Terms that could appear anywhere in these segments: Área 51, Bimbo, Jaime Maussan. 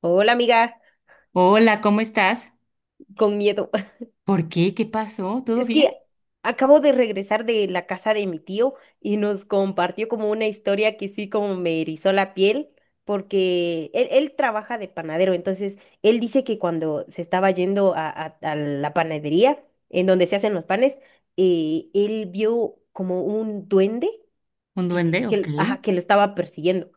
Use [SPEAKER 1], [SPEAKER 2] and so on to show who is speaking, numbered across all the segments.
[SPEAKER 1] Hola, amiga,
[SPEAKER 2] Hola, ¿cómo estás?
[SPEAKER 1] con miedo.
[SPEAKER 2] ¿Por qué? ¿Qué pasó? ¿Todo
[SPEAKER 1] Es que
[SPEAKER 2] bien?
[SPEAKER 1] acabo de regresar de la casa de mi tío y nos compartió como una historia que sí, como me erizó la piel, porque él trabaja de panadero. Entonces él dice que cuando se estaba yendo a la panadería, en donde se hacen los panes, él vio como un duende
[SPEAKER 2] ¿Un
[SPEAKER 1] que, es-
[SPEAKER 2] duende? Ok.
[SPEAKER 1] que, ajá, que lo estaba persiguiendo.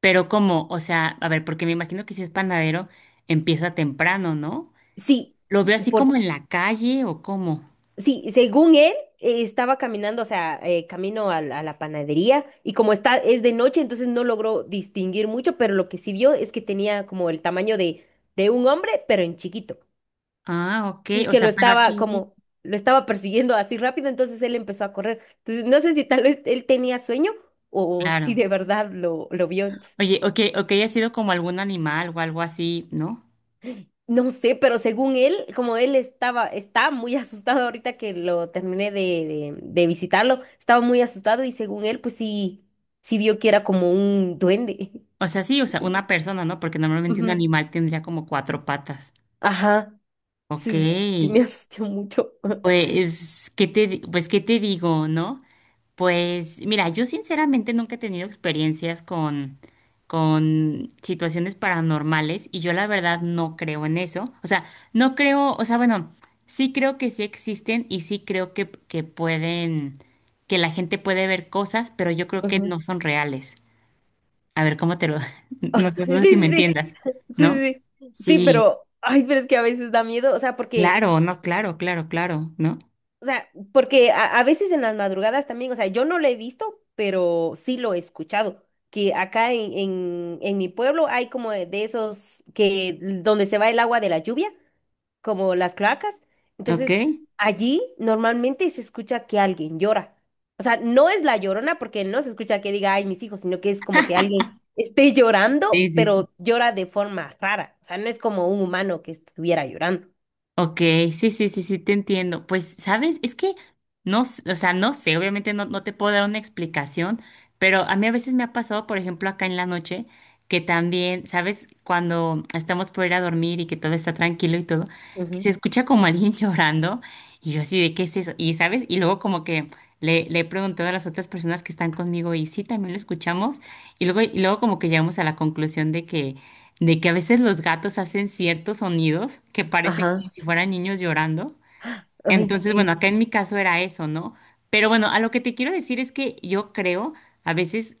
[SPEAKER 2] Pero ¿cómo? O sea, a ver, porque me imagino que si es panadero, empieza temprano, ¿no?
[SPEAKER 1] Sí,
[SPEAKER 2] ¿Lo veo así como en la calle o cómo?
[SPEAKER 1] sí, según él, estaba caminando, o sea, camino a la panadería, y como está, es de noche, entonces no logró distinguir mucho, pero lo que sí vio es que tenía como el tamaño de, un hombre, pero en chiquito,
[SPEAKER 2] Ah, ok.
[SPEAKER 1] y
[SPEAKER 2] O
[SPEAKER 1] que lo
[SPEAKER 2] sea, pero
[SPEAKER 1] estaba
[SPEAKER 2] así,
[SPEAKER 1] como, lo estaba persiguiendo así rápido, entonces él empezó a correr. Entonces, no sé si tal vez él tenía sueño o si
[SPEAKER 2] claro.
[SPEAKER 1] de verdad lo vio.
[SPEAKER 2] Oye, ok, ok, ha sido como algún animal o algo así, ¿no?
[SPEAKER 1] No sé, pero según él, como él estaba, está muy asustado. Ahorita que lo terminé de visitarlo, estaba muy asustado, y según él, pues sí, sí vio que era como un duende.
[SPEAKER 2] O sea, sí, o sea, una persona, ¿no? Porque normalmente un
[SPEAKER 1] Ujú.
[SPEAKER 2] animal tendría como cuatro patas.
[SPEAKER 1] Ajá,
[SPEAKER 2] Ok.
[SPEAKER 1] sí, sí, sí me asusté mucho.
[SPEAKER 2] Pues, pues, ¿qué te digo, no? Pues mira, yo sinceramente nunca he tenido experiencias con situaciones paranormales y yo la verdad no creo en eso. O sea, no creo, o sea, bueno, sí creo que sí existen y sí creo que pueden, que la gente puede ver cosas, pero yo creo que
[SPEAKER 1] Ujú.
[SPEAKER 2] no son reales. A ver, ¿cómo te lo... No, no
[SPEAKER 1] Sí,
[SPEAKER 2] sé si me
[SPEAKER 1] sí, sí,
[SPEAKER 2] entiendas, ¿no?
[SPEAKER 1] sí, sí, sí,
[SPEAKER 2] Sí,
[SPEAKER 1] pero, ay, pero es que a veces da miedo, o sea, porque...
[SPEAKER 2] claro, no, claro, claro, claro, ¿no?
[SPEAKER 1] O sea, porque a veces en las madrugadas también, o sea, yo no lo he visto, pero sí lo he escuchado, que acá en mi pueblo hay como de esos que donde se va el agua de la lluvia, como las cloacas.
[SPEAKER 2] Ok,
[SPEAKER 1] Entonces,
[SPEAKER 2] sí,
[SPEAKER 1] allí normalmente se escucha que alguien llora. O sea, no es la Llorona, porque no se escucha que diga, ay, mis hijos, sino que es como que alguien esté
[SPEAKER 2] sí,
[SPEAKER 1] llorando,
[SPEAKER 2] sí.
[SPEAKER 1] pero llora de forma rara. O sea, no es como un humano que estuviera llorando.
[SPEAKER 2] Ok, sí, sí, sí, sí, te entiendo. Pues, ¿sabes? Es que no, o sea, no sé, obviamente no, no te puedo dar una explicación, pero a mí a veces me ha pasado, por ejemplo, acá en la noche, que también, ¿sabes? Cuando estamos por ir a dormir y que todo está tranquilo y todo, que se
[SPEAKER 1] Ujú.
[SPEAKER 2] escucha como alguien llorando y yo así de, ¿qué es eso? Y, ¿sabes? Y luego como que le he preguntado a las otras personas que están conmigo y sí, también lo escuchamos y luego como que llegamos a la conclusión de que a veces los gatos hacen ciertos sonidos que parecen
[SPEAKER 1] Ajá.
[SPEAKER 2] como si fueran niños llorando.
[SPEAKER 1] Ay,
[SPEAKER 2] Entonces,
[SPEAKER 1] sí,
[SPEAKER 2] bueno, acá en mi caso era eso, ¿no? Pero bueno, a lo que te quiero decir es que yo creo a veces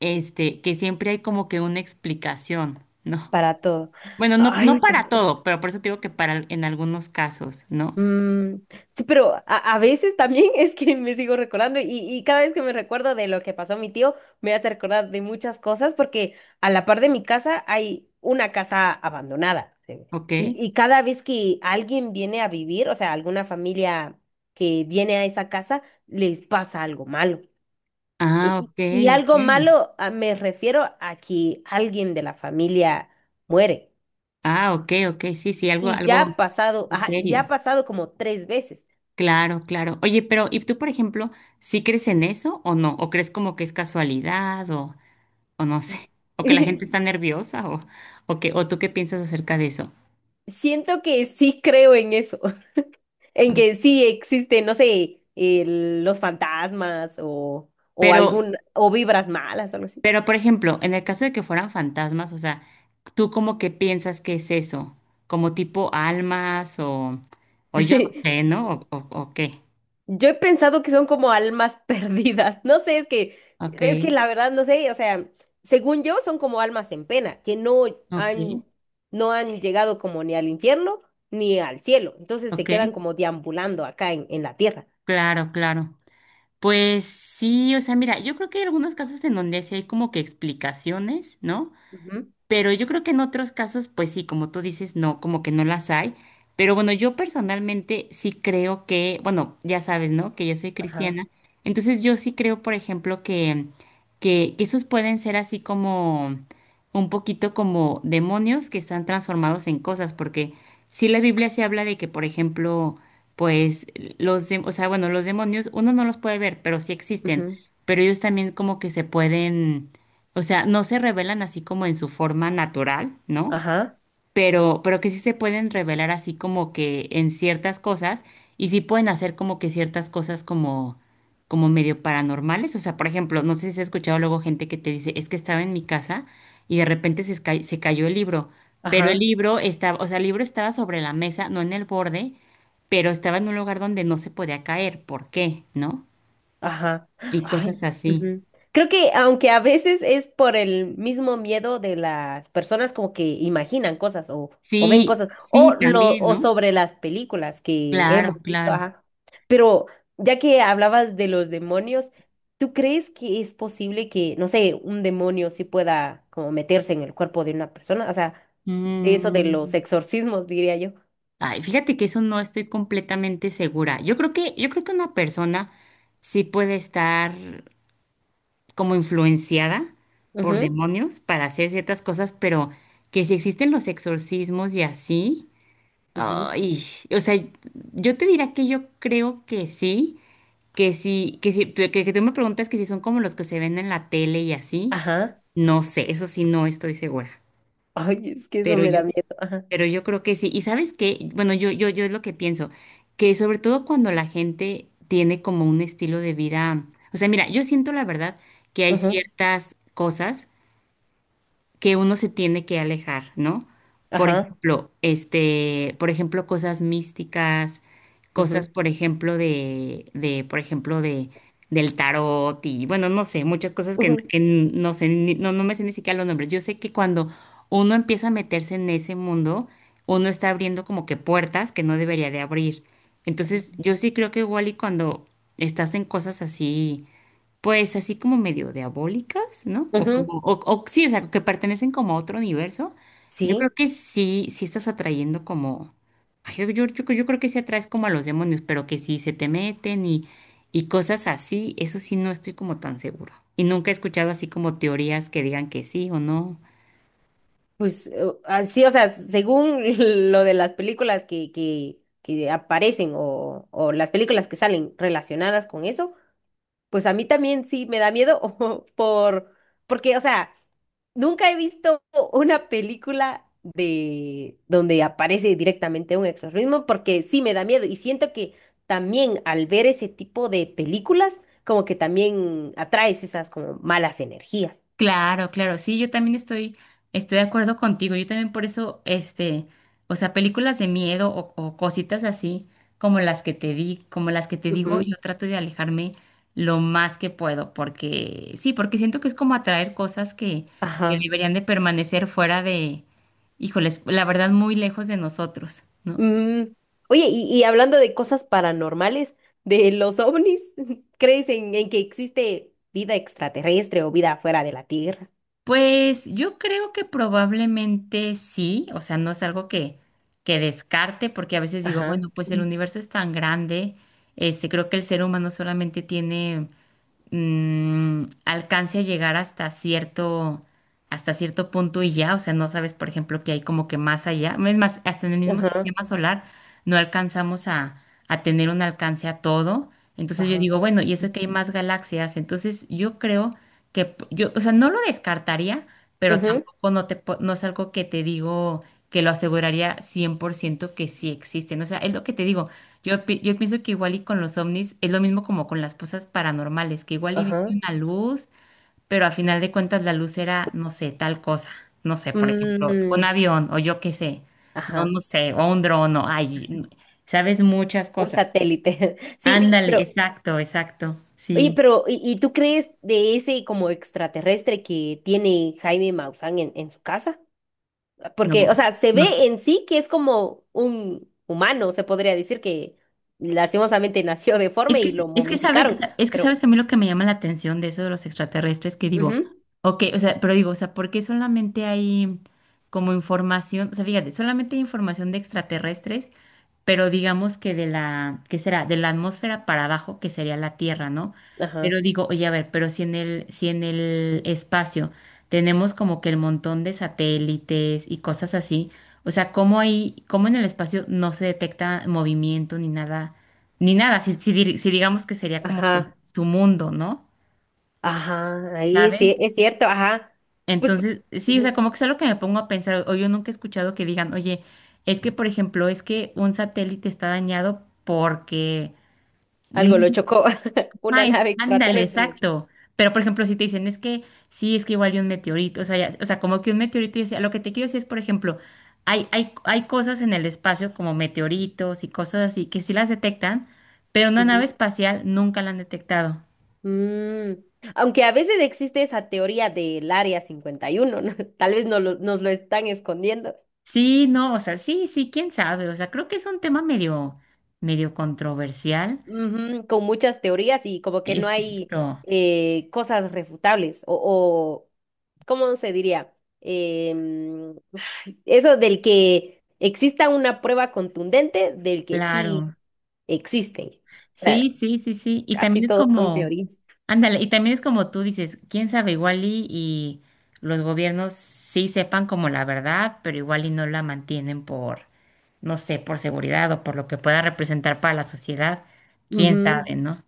[SPEAKER 2] este que siempre hay como que una explicación, ¿no?
[SPEAKER 1] para todo.
[SPEAKER 2] Bueno, no, no
[SPEAKER 1] Ay, pues,
[SPEAKER 2] para todo, pero por eso te digo que para en algunos casos, ¿no?
[SPEAKER 1] mm, sí, pero a veces también es que me sigo recordando, y cada vez que me recuerdo de lo que pasó a mi tío, me hace recordar de muchas cosas, porque a la par de mi casa hay una casa abandonada. Sí.
[SPEAKER 2] Ok.
[SPEAKER 1] Y cada vez que alguien viene a vivir, o sea, alguna familia que viene a esa casa, les pasa algo malo.
[SPEAKER 2] Ah,
[SPEAKER 1] Y,
[SPEAKER 2] ok,
[SPEAKER 1] y algo
[SPEAKER 2] ok.
[SPEAKER 1] malo, me refiero a que alguien de la familia muere.
[SPEAKER 2] Ah, ok, ok, sí, sí, algo,
[SPEAKER 1] Y ya ha
[SPEAKER 2] algo
[SPEAKER 1] pasado,
[SPEAKER 2] en
[SPEAKER 1] ajá, y ya ha
[SPEAKER 2] serio.
[SPEAKER 1] pasado como tres veces.
[SPEAKER 2] Claro, claro. Oye, pero ¿y tú, por ejemplo, sí crees en eso o no? ¿O crees como que es casualidad o no sé? ¿O que la gente está nerviosa o que, o tú qué piensas acerca de eso?
[SPEAKER 1] Siento que sí creo en eso, en
[SPEAKER 2] ¿No?
[SPEAKER 1] que sí existen, no sé, los fantasmas o,
[SPEAKER 2] Pero,
[SPEAKER 1] algún, o vibras malas, algo así.
[SPEAKER 2] pero, por ejemplo, en el caso de que fueran fantasmas, o sea, ¿tú como que piensas que es eso? ¿Como tipo almas o yo no sé, ¿no? O qué?
[SPEAKER 1] Yo he pensado que son como almas perdidas. No sé, es que,
[SPEAKER 2] Ok,
[SPEAKER 1] la verdad no sé, o sea, según yo son como almas en pena, que
[SPEAKER 2] ok,
[SPEAKER 1] han, no han llegado como ni al infierno ni al cielo. Entonces se
[SPEAKER 2] ok.
[SPEAKER 1] quedan como deambulando acá en la tierra.
[SPEAKER 2] Claro, claro. Pues sí, o sea, mira, yo creo que hay algunos casos en donde sí hay como que explicaciones, ¿no?
[SPEAKER 1] Ujú.
[SPEAKER 2] Pero yo creo que en otros casos, pues sí, como tú dices, no, como que no las hay. Pero bueno, yo personalmente sí creo que, bueno, ya sabes, ¿no? Que yo soy
[SPEAKER 1] Ajá.
[SPEAKER 2] cristiana. Entonces yo sí creo, por ejemplo, que esos pueden ser así como un poquito como demonios que están transformados en cosas, porque sí la Biblia se habla de que, por ejemplo, pues o sea, bueno, los demonios uno no los puede ver, pero sí existen.
[SPEAKER 1] Ujú,
[SPEAKER 2] Pero ellos también como que se pueden o sea, no se revelan así como en su forma natural, ¿no?
[SPEAKER 1] ajá,
[SPEAKER 2] Pero que sí se pueden revelar así como que en ciertas cosas y sí pueden hacer como que ciertas cosas como, como medio paranormales. O sea, por ejemplo, no sé si has escuchado luego gente que te dice, es que estaba en mi casa y de repente se cayó el libro, pero el
[SPEAKER 1] ajá,
[SPEAKER 2] libro estaba, o sea, el libro estaba sobre la mesa, no en el borde, pero estaba en un lugar donde no se podía caer. ¿Por qué? ¿No?
[SPEAKER 1] ajá.
[SPEAKER 2] Y
[SPEAKER 1] Ay,
[SPEAKER 2] cosas así.
[SPEAKER 1] ujú. Creo que, aunque a veces es por el mismo miedo de las personas, como que imaginan cosas o, ven
[SPEAKER 2] Sí,
[SPEAKER 1] cosas, o
[SPEAKER 2] sí,
[SPEAKER 1] lo
[SPEAKER 2] también,
[SPEAKER 1] o
[SPEAKER 2] ¿no?
[SPEAKER 1] sobre las películas que hemos
[SPEAKER 2] Claro,
[SPEAKER 1] visto,
[SPEAKER 2] claro.
[SPEAKER 1] ajá. Pero ya que hablabas de los demonios, ¿tú crees que es posible que, no sé, un demonio sí pueda como meterse en el cuerpo de una persona? O sea, de eso de
[SPEAKER 2] Mm,
[SPEAKER 1] los exorcismos, diría yo.
[SPEAKER 2] ay, fíjate que eso no estoy completamente segura. Yo creo que una persona sí puede estar como influenciada por
[SPEAKER 1] Ajá,
[SPEAKER 2] demonios para hacer ciertas cosas, pero que si existen los exorcismos y así, ay, o sea, yo te diría que yo creo que sí, que sí, que sí, que tú me preguntas que si son como los que se ven en la tele y así,
[SPEAKER 1] ajá,
[SPEAKER 2] no sé, eso sí no estoy segura.
[SPEAKER 1] ay, es que eso
[SPEAKER 2] Pero
[SPEAKER 1] me
[SPEAKER 2] yo
[SPEAKER 1] da miedo. Ajá,
[SPEAKER 2] Pero yo creo que sí. Y sabes qué, bueno, yo es lo que pienso, que sobre todo cuando la gente tiene como un estilo de vida, o sea, mira, yo siento la verdad que hay
[SPEAKER 1] ujú,
[SPEAKER 2] ciertas cosas que uno se tiene que alejar, ¿no? Por
[SPEAKER 1] ajá,
[SPEAKER 2] ejemplo, este, por ejemplo, cosas místicas, cosas,
[SPEAKER 1] ujú,
[SPEAKER 2] por ejemplo, por ejemplo, de, del tarot y, bueno, no sé, muchas cosas
[SPEAKER 1] ujú,
[SPEAKER 2] que no sé, no, no me sé ni siquiera los nombres. Yo sé que cuando uno empieza a meterse en ese mundo, uno está abriendo como que puertas que no debería de abrir. Entonces, yo sí creo que igual y cuando estás en cosas así, pues así como medio diabólicas, ¿no? O como,
[SPEAKER 1] ujú,
[SPEAKER 2] o sí, o sea, que pertenecen como a otro universo. Yo creo
[SPEAKER 1] sí,
[SPEAKER 2] que sí, sí estás atrayendo como, ay, yo creo que sí atraes como a los demonios, pero que sí se te meten y cosas así, eso sí no estoy como tan seguro. Y nunca he escuchado así como teorías que digan que sí o no.
[SPEAKER 1] pues así, o sea, según lo de las películas que aparecen o, las películas que salen relacionadas con eso. Pues a mí también sí me da miedo por, porque, o sea, nunca he visto una película de donde aparece directamente un exorcismo, porque sí me da miedo, y siento que también al ver ese tipo de películas, como que también atraes esas como malas energías.
[SPEAKER 2] Claro, claro, sí, yo también estoy de acuerdo contigo. Yo también por eso, este, o sea, películas de miedo o cositas así como las que te di, como las que te digo, yo
[SPEAKER 1] Ujú.
[SPEAKER 2] trato de alejarme lo más que puedo, porque sí, porque siento que es como atraer cosas que
[SPEAKER 1] Ajá.
[SPEAKER 2] deberían de permanecer fuera de, híjoles, la verdad, muy lejos de nosotros, ¿no?
[SPEAKER 1] Mm. Oye, y, hablando de cosas paranormales, de los ovnis, ¿crees en que existe vida extraterrestre o vida fuera de la Tierra?
[SPEAKER 2] Pues yo creo que probablemente sí, o sea, no es algo que descarte, porque a veces digo,
[SPEAKER 1] Ajá.
[SPEAKER 2] bueno, pues el universo es tan grande, este, creo que el ser humano solamente tiene alcance a llegar hasta cierto punto y ya, o sea, no sabes, por ejemplo, que hay como que más allá, es más, hasta en el mismo
[SPEAKER 1] Ajá,
[SPEAKER 2] sistema solar no alcanzamos a tener un alcance a todo, entonces yo
[SPEAKER 1] ajá,
[SPEAKER 2] digo, bueno, y eso que hay más galaxias, entonces yo creo que yo, o sea, no lo descartaría, pero
[SPEAKER 1] ujú,
[SPEAKER 2] tampoco no te, no es algo que te digo que lo aseguraría 100% que sí existen. O sea, es lo que te digo. Yo, yo pienso que igual y con los ovnis es lo mismo como con las cosas paranormales, que igual y viste
[SPEAKER 1] ajá,
[SPEAKER 2] una luz, pero a final de cuentas la luz era, no sé, tal cosa. No sé, por ejemplo, un
[SPEAKER 1] mm,
[SPEAKER 2] avión o yo qué sé. No,
[SPEAKER 1] ajá,
[SPEAKER 2] no sé, o un dron, o ay, sabes muchas
[SPEAKER 1] un
[SPEAKER 2] cosas. Sí.
[SPEAKER 1] satélite. Sí,
[SPEAKER 2] Ándale,
[SPEAKER 1] pero,
[SPEAKER 2] exacto, exacto.
[SPEAKER 1] oye,
[SPEAKER 2] Sí,
[SPEAKER 1] pero, ¿y, tú crees de ese como extraterrestre que tiene Jaime Maussan en su casa?
[SPEAKER 2] no.
[SPEAKER 1] Porque, o sea, se
[SPEAKER 2] no
[SPEAKER 1] ve en sí que es como un humano, se podría decir que lastimosamente nació
[SPEAKER 2] Es
[SPEAKER 1] deforme y lo
[SPEAKER 2] que, es que sabes,
[SPEAKER 1] momificaron,
[SPEAKER 2] es que
[SPEAKER 1] pero,
[SPEAKER 2] sabes a mí lo que me llama la atención de eso de los extraterrestres, que digo,
[SPEAKER 1] ujú,
[SPEAKER 2] ok, o sea, pero digo, o sea, ¿por qué solamente hay como información? O sea, fíjate, solamente hay información de extraterrestres pero digamos que de la, ¿qué será? De la atmósfera para abajo, que sería la Tierra, ¿no? Pero
[SPEAKER 1] ajá,
[SPEAKER 2] digo, oye, a ver, pero si si en el espacio tenemos como que el montón de satélites y cosas así, o sea, ¿cómo ahí, cómo en el espacio no se detecta movimiento ni nada, ni nada, si, si digamos que sería como su,
[SPEAKER 1] ajá,
[SPEAKER 2] su mundo, ¿no?
[SPEAKER 1] ajá, ahí
[SPEAKER 2] ¿Sabes?
[SPEAKER 1] sí, es cierto, ajá, pues,
[SPEAKER 2] Entonces, sí, o sea,
[SPEAKER 1] ujú,
[SPEAKER 2] como que es algo que me pongo a pensar, o yo nunca he escuchado que digan, oye, es que, por ejemplo, es que un satélite está dañado porque no,
[SPEAKER 1] algo lo chocó. Una
[SPEAKER 2] ajá, es,
[SPEAKER 1] nave
[SPEAKER 2] ándale,
[SPEAKER 1] extraterrestre lo chocó.
[SPEAKER 2] exacto. Pero, por ejemplo, si te dicen, es que sí, es que igual hay un meteorito, o sea, o sea, como que un meteorito, yo decía, lo que te quiero decir es, por ejemplo, hay cosas en el espacio como meteoritos y cosas así que sí las detectan, pero una nave
[SPEAKER 1] Ujú.
[SPEAKER 2] espacial nunca la han detectado.
[SPEAKER 1] Mm. Aunque a veces existe esa teoría del Área 51, ¿no? Tal vez no lo- nos lo están escondiendo.
[SPEAKER 2] Sí, no, o sea, sí, sí, quién sabe, o sea, creo que es un tema medio, medio controversial.
[SPEAKER 1] Ujú, con muchas teorías, y como que no hay
[SPEAKER 2] Exacto,
[SPEAKER 1] cosas refutables o, ¿cómo se diría? Em, ay, eso del que exista una prueba contundente del que sí
[SPEAKER 2] claro.
[SPEAKER 1] existen. O sea,
[SPEAKER 2] Sí, sí, sí, sí. Y
[SPEAKER 1] casi
[SPEAKER 2] también es
[SPEAKER 1] todos son
[SPEAKER 2] como,
[SPEAKER 1] teorías.
[SPEAKER 2] ándale, y también es como tú dices, quién sabe, igual y los gobiernos sí sepan como la verdad, pero igual y no la mantienen por, no sé, por seguridad o por lo que pueda representar para la sociedad, quién sabe, ¿no?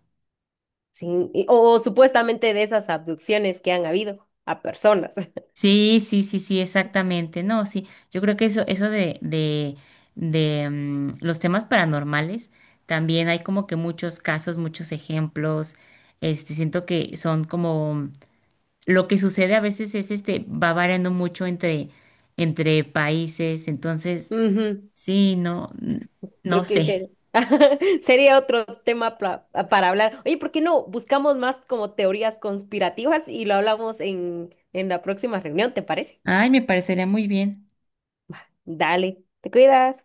[SPEAKER 1] Sí, supuestamente, de esas abducciones que han habido a personas.
[SPEAKER 2] Sí, sí, sí, sí, exactamente. No, sí, yo creo que eso de los temas paranormales, también hay como que muchos casos, muchos ejemplos, este, siento que son como lo que sucede a veces es este, va variando mucho entre, entre países, entonces,
[SPEAKER 1] Ujú,
[SPEAKER 2] sí, no, no
[SPEAKER 1] creo
[SPEAKER 2] Sí.
[SPEAKER 1] que
[SPEAKER 2] Sé.
[SPEAKER 1] sería otro tema para hablar. Oye, ¿por qué no buscamos más como teorías conspirativas y lo hablamos en la próxima reunión? ¿Te parece?
[SPEAKER 2] Ay, me parecería muy bien.
[SPEAKER 1] Dale, te cuidas.